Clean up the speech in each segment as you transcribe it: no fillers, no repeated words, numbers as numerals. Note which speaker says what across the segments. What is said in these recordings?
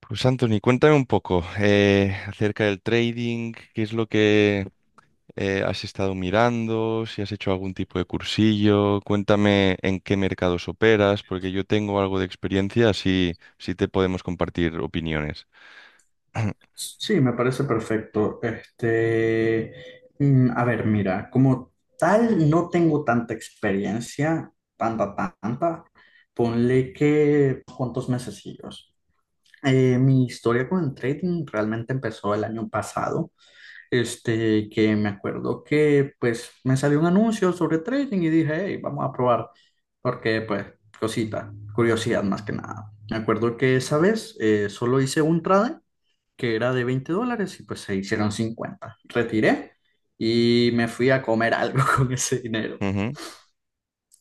Speaker 1: Pues Anthony, cuéntame un poco acerca del trading, qué es lo que has estado mirando, si has hecho algún tipo de cursillo, cuéntame en qué mercados operas, porque yo tengo algo de experiencia, así, así te podemos compartir opiniones.
Speaker 2: Sí, me parece perfecto. Este, a ver, mira, como tal no tengo tanta experiencia, tanta, tanta. Ponle que cuántos mesecillos. Mi historia con el trading realmente empezó el año pasado. Este, que me acuerdo que pues me salió un anuncio sobre trading y dije, hey, vamos a probar, porque pues cosita, curiosidad más que nada. Me acuerdo que esa vez solo hice un trade que era de $20 y pues se hicieron 50. Retiré y me fui a comer algo con ese dinero.
Speaker 1: Ujú,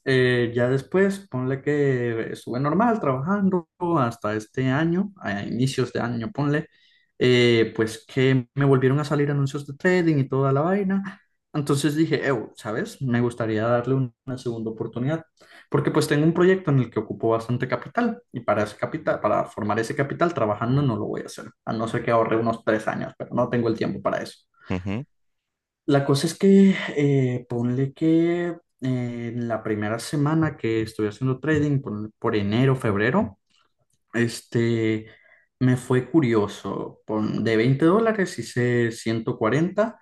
Speaker 2: Ya después, ponle que estuve normal trabajando hasta este año, a inicios de año, ponle, pues que me volvieron a salir anuncios de trading y toda la vaina. Entonces dije, "Ew, ¿sabes? Me gustaría darle una segunda oportunidad, porque pues tengo un proyecto en el que ocupo bastante capital y para ese capital, para formar ese capital trabajando no lo voy a hacer, a no ser que ahorre unos 3 años, pero no tengo el tiempo para eso".
Speaker 1: ujú.
Speaker 2: La cosa es que ponle que en la primera semana que estuve haciendo trading, ponle por enero, febrero, este, me fue curioso. De $20 hice 140.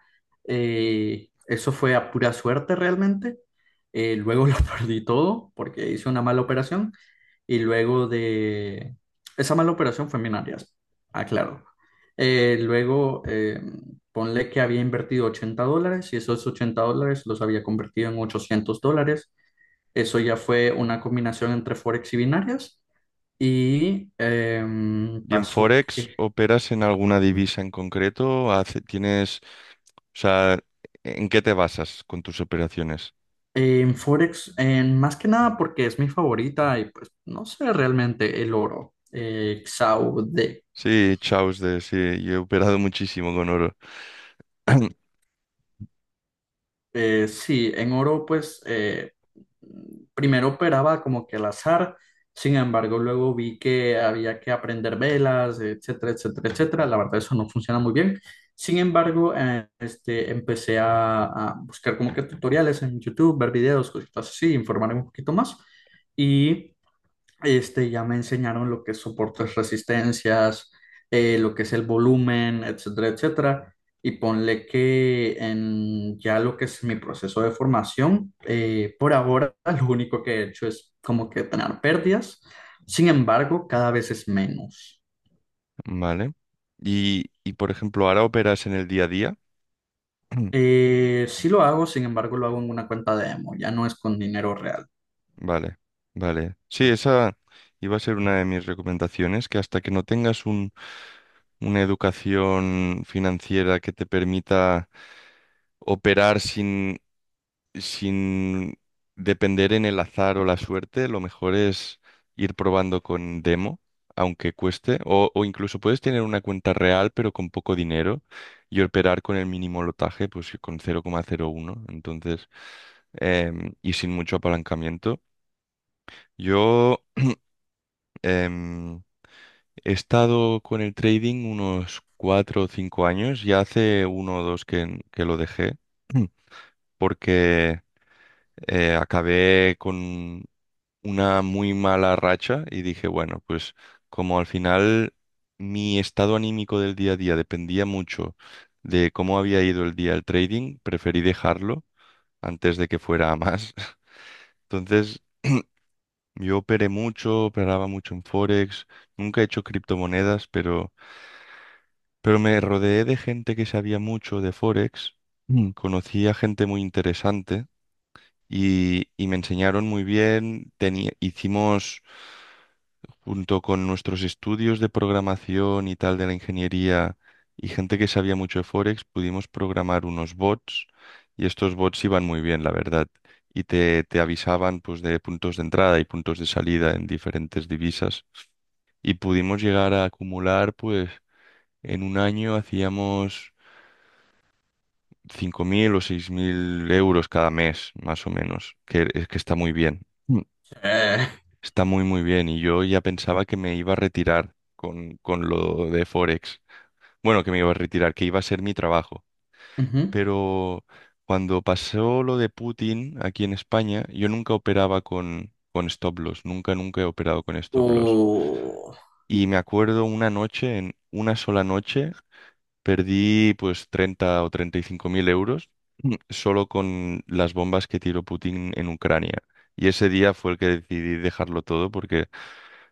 Speaker 2: Eso fue a pura suerte realmente. Luego lo perdí todo porque hice una mala operación. Y luego de... Esa mala operación fue en binarias. Aclaro. Luego, ponle que había invertido $80 y esos $80 los había convertido en $800. Eso ya fue una combinación entre Forex y binarias. Y
Speaker 1: ¿Y en
Speaker 2: pasó
Speaker 1: Forex
Speaker 2: que
Speaker 1: operas en alguna divisa en concreto? ¿Tienes, o sea, en qué te basas con tus operaciones?
Speaker 2: en Forex, en, más que nada porque es mi favorita y pues no sé realmente el oro, XAUD.
Speaker 1: Sí, chaos de, sí, yo he operado muchísimo con oro.
Speaker 2: Sí, en oro pues primero operaba como que al azar, sin embargo luego vi que había que aprender velas, etcétera, etcétera, etcétera. La verdad eso no funciona muy bien. Sin embargo, este, empecé a buscar como que tutoriales en YouTube, ver videos, cositas así, informarme un poquito más. Y este, ya me enseñaron lo que es soportes, resistencias, lo que es el volumen, etcétera, etcétera. Y ponle que en ya lo que es mi proceso de formación, por ahora lo único que he hecho es como que tener pérdidas. Sin embargo, cada vez es menos.
Speaker 1: Vale. Y por ejemplo, ahora operas en el día a día.
Speaker 2: Sí lo hago, sin embargo, lo hago en una cuenta demo, ya no es con dinero real.
Speaker 1: Vale, vale. Sí, esa iba a ser una de mis recomendaciones, que hasta que no tengas una educación financiera que te permita operar sin depender en el azar o la suerte, lo mejor es ir probando con demo, aunque cueste, o incluso puedes tener una cuenta real pero con poco dinero y operar con el mínimo lotaje, pues con 0,01, entonces, y sin mucho apalancamiento. Yo em, he estado con el trading unos 4 o 5 años, ya hace uno o dos que lo dejé. porque acabé con una muy mala racha y dije, bueno, pues como al final mi estado anímico del día a día dependía mucho de cómo había ido el día el trading, preferí dejarlo antes de que fuera a más. Entonces, yo operé mucho, operaba mucho en Forex, nunca he hecho criptomonedas, pero me rodeé de gente que sabía mucho de Forex. Mm. Conocí a gente muy interesante. Y me enseñaron muy bien. Tenía- hicimos junto con nuestros estudios de programación y tal de la ingeniería y gente que sabía mucho de Forex, pudimos programar unos bots y estos bots iban muy bien, la verdad. Y te avisaban pues de puntos de entrada y puntos de salida en diferentes divisas. Y pudimos llegar a acumular pues en un año hacíamos 5.000 o 6.000 euros cada mes, más o menos, que es que está muy bien.
Speaker 2: Eh,
Speaker 1: Está muy muy bien y yo ya pensaba que me iba a retirar con lo de Forex. Bueno, que me iba a retirar, que iba a ser mi trabajo.
Speaker 2: Ujú.
Speaker 1: Pero cuando pasó lo de Putin aquí en España, yo nunca operaba con stop loss, nunca, nunca he operado con stop loss.
Speaker 2: O
Speaker 1: Y me acuerdo una noche, en una sola noche, perdí pues 30.000 o 35.000 euros. Solo con las bombas que tiró Putin en Ucrania. Y ese día fue el que decidí dejarlo todo porque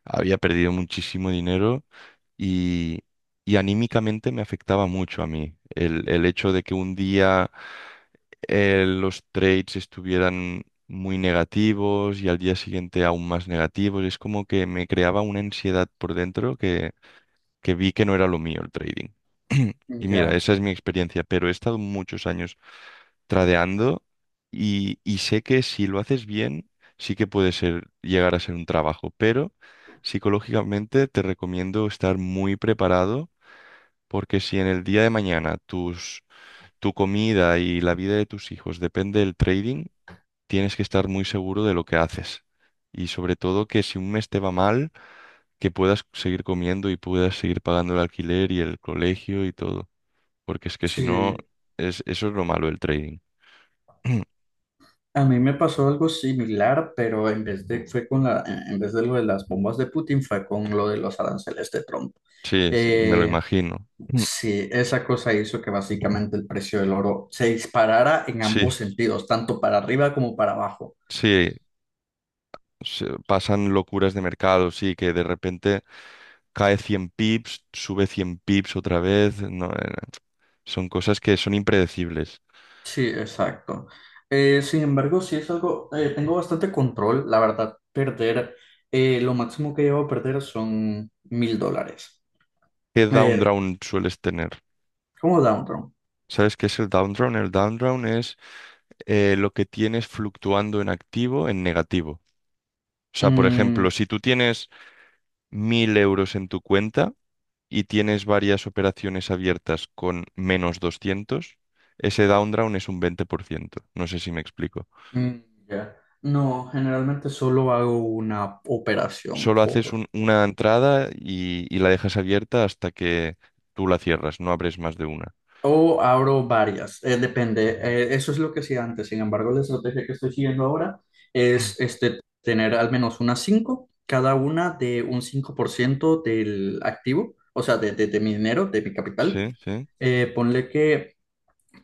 Speaker 1: había perdido muchísimo dinero y, y anímicamente me afectaba mucho a mí. El hecho de que un día los trades estuvieran muy negativos y al día siguiente aún más negativos, es como que me creaba una ansiedad por dentro que vi que no era lo mío el trading. Y mira,
Speaker 2: ya.
Speaker 1: esa es mi experiencia, pero he estado muchos años tradeando y sé que si lo haces bien, sí que puede ser, llegar a ser un trabajo, pero psicológicamente te recomiendo estar muy preparado porque si en el día de mañana tu comida y la vida de tus hijos depende del trading, tienes que estar muy seguro de lo que haces. Y sobre todo que si un mes te va mal, que puedas seguir comiendo y puedas seguir pagando el alquiler y el colegio y todo. Porque es que si no,
Speaker 2: Sí.
Speaker 1: es, eso es lo malo del trading.
Speaker 2: A mí me pasó algo similar, pero en vez de, fue con la, en vez de lo de las bombas de Putin, fue con lo de los aranceles de Trump.
Speaker 1: Sí, sí, me lo
Speaker 2: Eh,
Speaker 1: imagino. Mm.
Speaker 2: Sí, esa cosa hizo que básicamente el precio del oro se disparara en
Speaker 1: Sí,
Speaker 2: ambos sentidos, tanto para arriba como para abajo.
Speaker 1: sí, pasan locuras de mercado, sí, que de repente cae 100 pips, sube 100 pips otra vez. No, son cosas que son impredecibles.
Speaker 2: Sí, exacto. Sin embargo, sí es algo, tengo bastante control, la verdad, perder, lo máximo que llevo a perder son $1,000.
Speaker 1: ¿Qué down
Speaker 2: Eh,
Speaker 1: round sueles tener?
Speaker 2: como Downtown.
Speaker 1: ¿Sabes qué es el down round? El down round es lo que tienes fluctuando en activo en negativo. O sea, por ejemplo, si tú tienes 1.000 euros en tu cuenta y tienes varias operaciones abiertas con menos 200, ese down round es un 20%. No sé si me explico.
Speaker 2: Mm, ya. No, generalmente solo hago una operación
Speaker 1: Solo haces
Speaker 2: por...
Speaker 1: una entrada y la dejas abierta hasta que tú la cierras, no abres más de una.
Speaker 2: O abro varias, depende. Eso es lo que hacía antes. Sin embargo, la estrategia que estoy siguiendo ahora es este, tener al menos unas cinco, cada una de un 5% del activo, o sea, de mi dinero, de mi capital.
Speaker 1: Sí, sí.
Speaker 2: Ponle que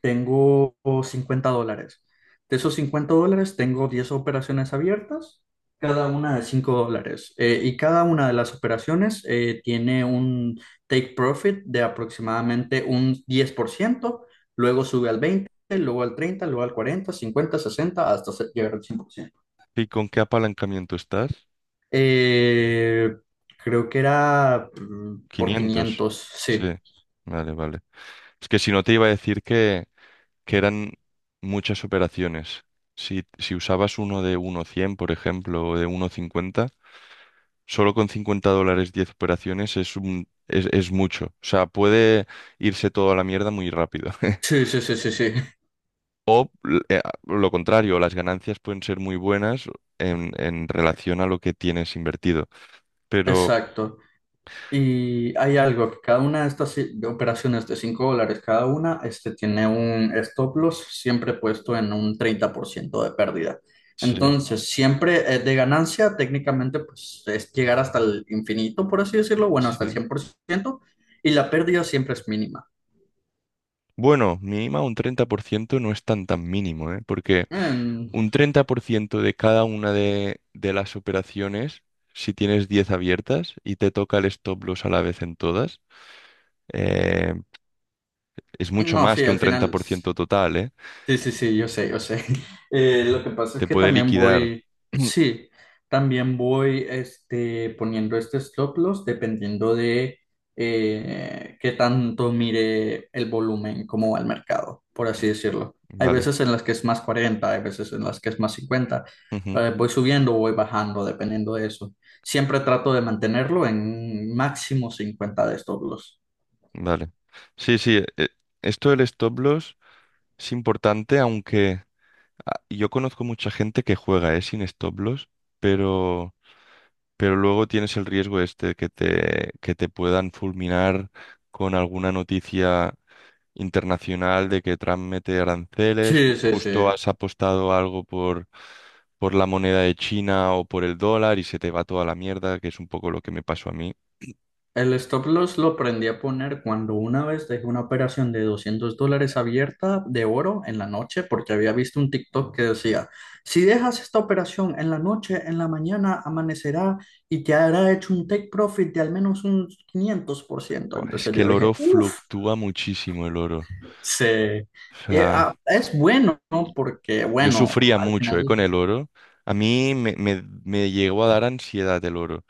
Speaker 2: tengo $50. De esos $50 tengo 10 operaciones abiertas, cada una de $5. Y cada una de las operaciones tiene un take profit de aproximadamente un 10%. Luego sube al 20%, luego al 30%, luego al 40%, 50%, 60%, hasta llegar al 100%.
Speaker 1: ¿Y con qué apalancamiento estás?
Speaker 2: Eh, creo que era por
Speaker 1: 500.
Speaker 2: 500,
Speaker 1: Sí,
Speaker 2: sí.
Speaker 1: vale, vale. Es que si no te iba a decir que eran muchas operaciones. Si, si usabas uno de uno coma cien por ejemplo, o de uno coma cincuenta, solo con $50, 10 operaciones es un, es mucho. O sea, puede irse todo a la mierda muy rápido.
Speaker 2: Sí, sí, sí, sí, sí,
Speaker 1: Lo contrario, las ganancias pueden ser muy buenas en relación a lo que tienes invertido. Pero
Speaker 2: exacto. Y hay algo, que cada una de estas operaciones de $5 cada una, este, tiene un stop loss siempre puesto en un 30% de pérdida.
Speaker 1: sí,
Speaker 2: Entonces, siempre es de ganancia, técnicamente, pues es llegar hasta el infinito, por así decirlo, bueno, hasta el
Speaker 1: sí.
Speaker 2: 100% y la pérdida siempre es mínima.
Speaker 1: Bueno, mínima un 30% no es tan tan mínimo, ¿eh? Porque
Speaker 2: Mm,
Speaker 1: un 30% de cada una de las operaciones, si tienes 10 abiertas y te toca el stop loss a la vez en todas, eh, es mucho
Speaker 2: no,
Speaker 1: más
Speaker 2: sí,
Speaker 1: que
Speaker 2: al
Speaker 1: un treinta
Speaker 2: final.
Speaker 1: por ciento total, ¿eh?
Speaker 2: Sí, sí, sí, yo sé, yo sé. Lo que pasa es
Speaker 1: Te
Speaker 2: que
Speaker 1: puede
Speaker 2: también
Speaker 1: liquidar.
Speaker 2: voy, sí, también voy este, poniendo este stop loss dependiendo de qué tanto mire el volumen, cómo va el mercado, por así decirlo. Hay
Speaker 1: Vale.
Speaker 2: veces en las que es más 40, hay veces en las que es más 50.
Speaker 1: Ujú.
Speaker 2: Voy subiendo o voy bajando dependiendo de eso. Siempre trato de mantenerlo en máximo 50 de stop loss.
Speaker 1: Vale. Sí, sí. Esto del stop loss es importante, aunque ah, yo conozco mucha gente que juega, sin stop loss, pero, pero luego tienes el riesgo este que te puedan fulminar con alguna noticia internacional de que Trump mete aranceles.
Speaker 2: Sí,
Speaker 1: Ju-
Speaker 2: sí,
Speaker 1: Justo
Speaker 2: sí.
Speaker 1: has apostado algo por la moneda de China o por el dólar y se te va toda la mierda, que es un poco lo que me pasó a mí.
Speaker 2: El stop loss lo aprendí a poner cuando una vez dejé una operación de $200 abierta de oro en la noche porque había visto un TikTok que decía, si dejas esta operación en la noche, en la mañana amanecerá y te hará hecho un take profit de al menos un 500%.
Speaker 1: Buah, es
Speaker 2: Entonces
Speaker 1: que
Speaker 2: yo
Speaker 1: el
Speaker 2: dije,
Speaker 1: oro
Speaker 2: uff,
Speaker 1: fluctúa muchísimo el oro.
Speaker 2: se...
Speaker 1: O sea.
Speaker 2: ah, es bueno, ¿no? Porque
Speaker 1: Yo
Speaker 2: bueno,
Speaker 1: sufría
Speaker 2: al
Speaker 1: mucho,
Speaker 2: final...
Speaker 1: con el oro. A mí me llegó a dar ansiedad el oro.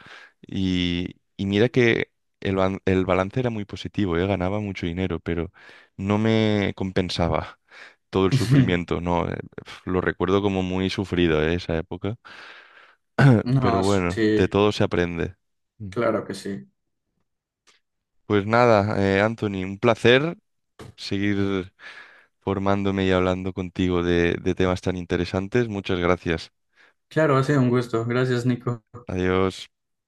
Speaker 1: Y mira que el balance era muy positivo, ganaba mucho dinero, pero no me compensaba todo el sufrimiento. No, pf, lo recuerdo como muy sufrido, esa época.
Speaker 2: No,
Speaker 1: Pero bueno,
Speaker 2: sí,
Speaker 1: de todo se aprende. Mm.
Speaker 2: claro que sí.
Speaker 1: Pues nada, Anthony, un placer seguir formándome y hablando contigo de temas tan interesantes. Muchas gracias.
Speaker 2: Claro, ha sido un gusto. Gracias, Nico.
Speaker 1: Adiós.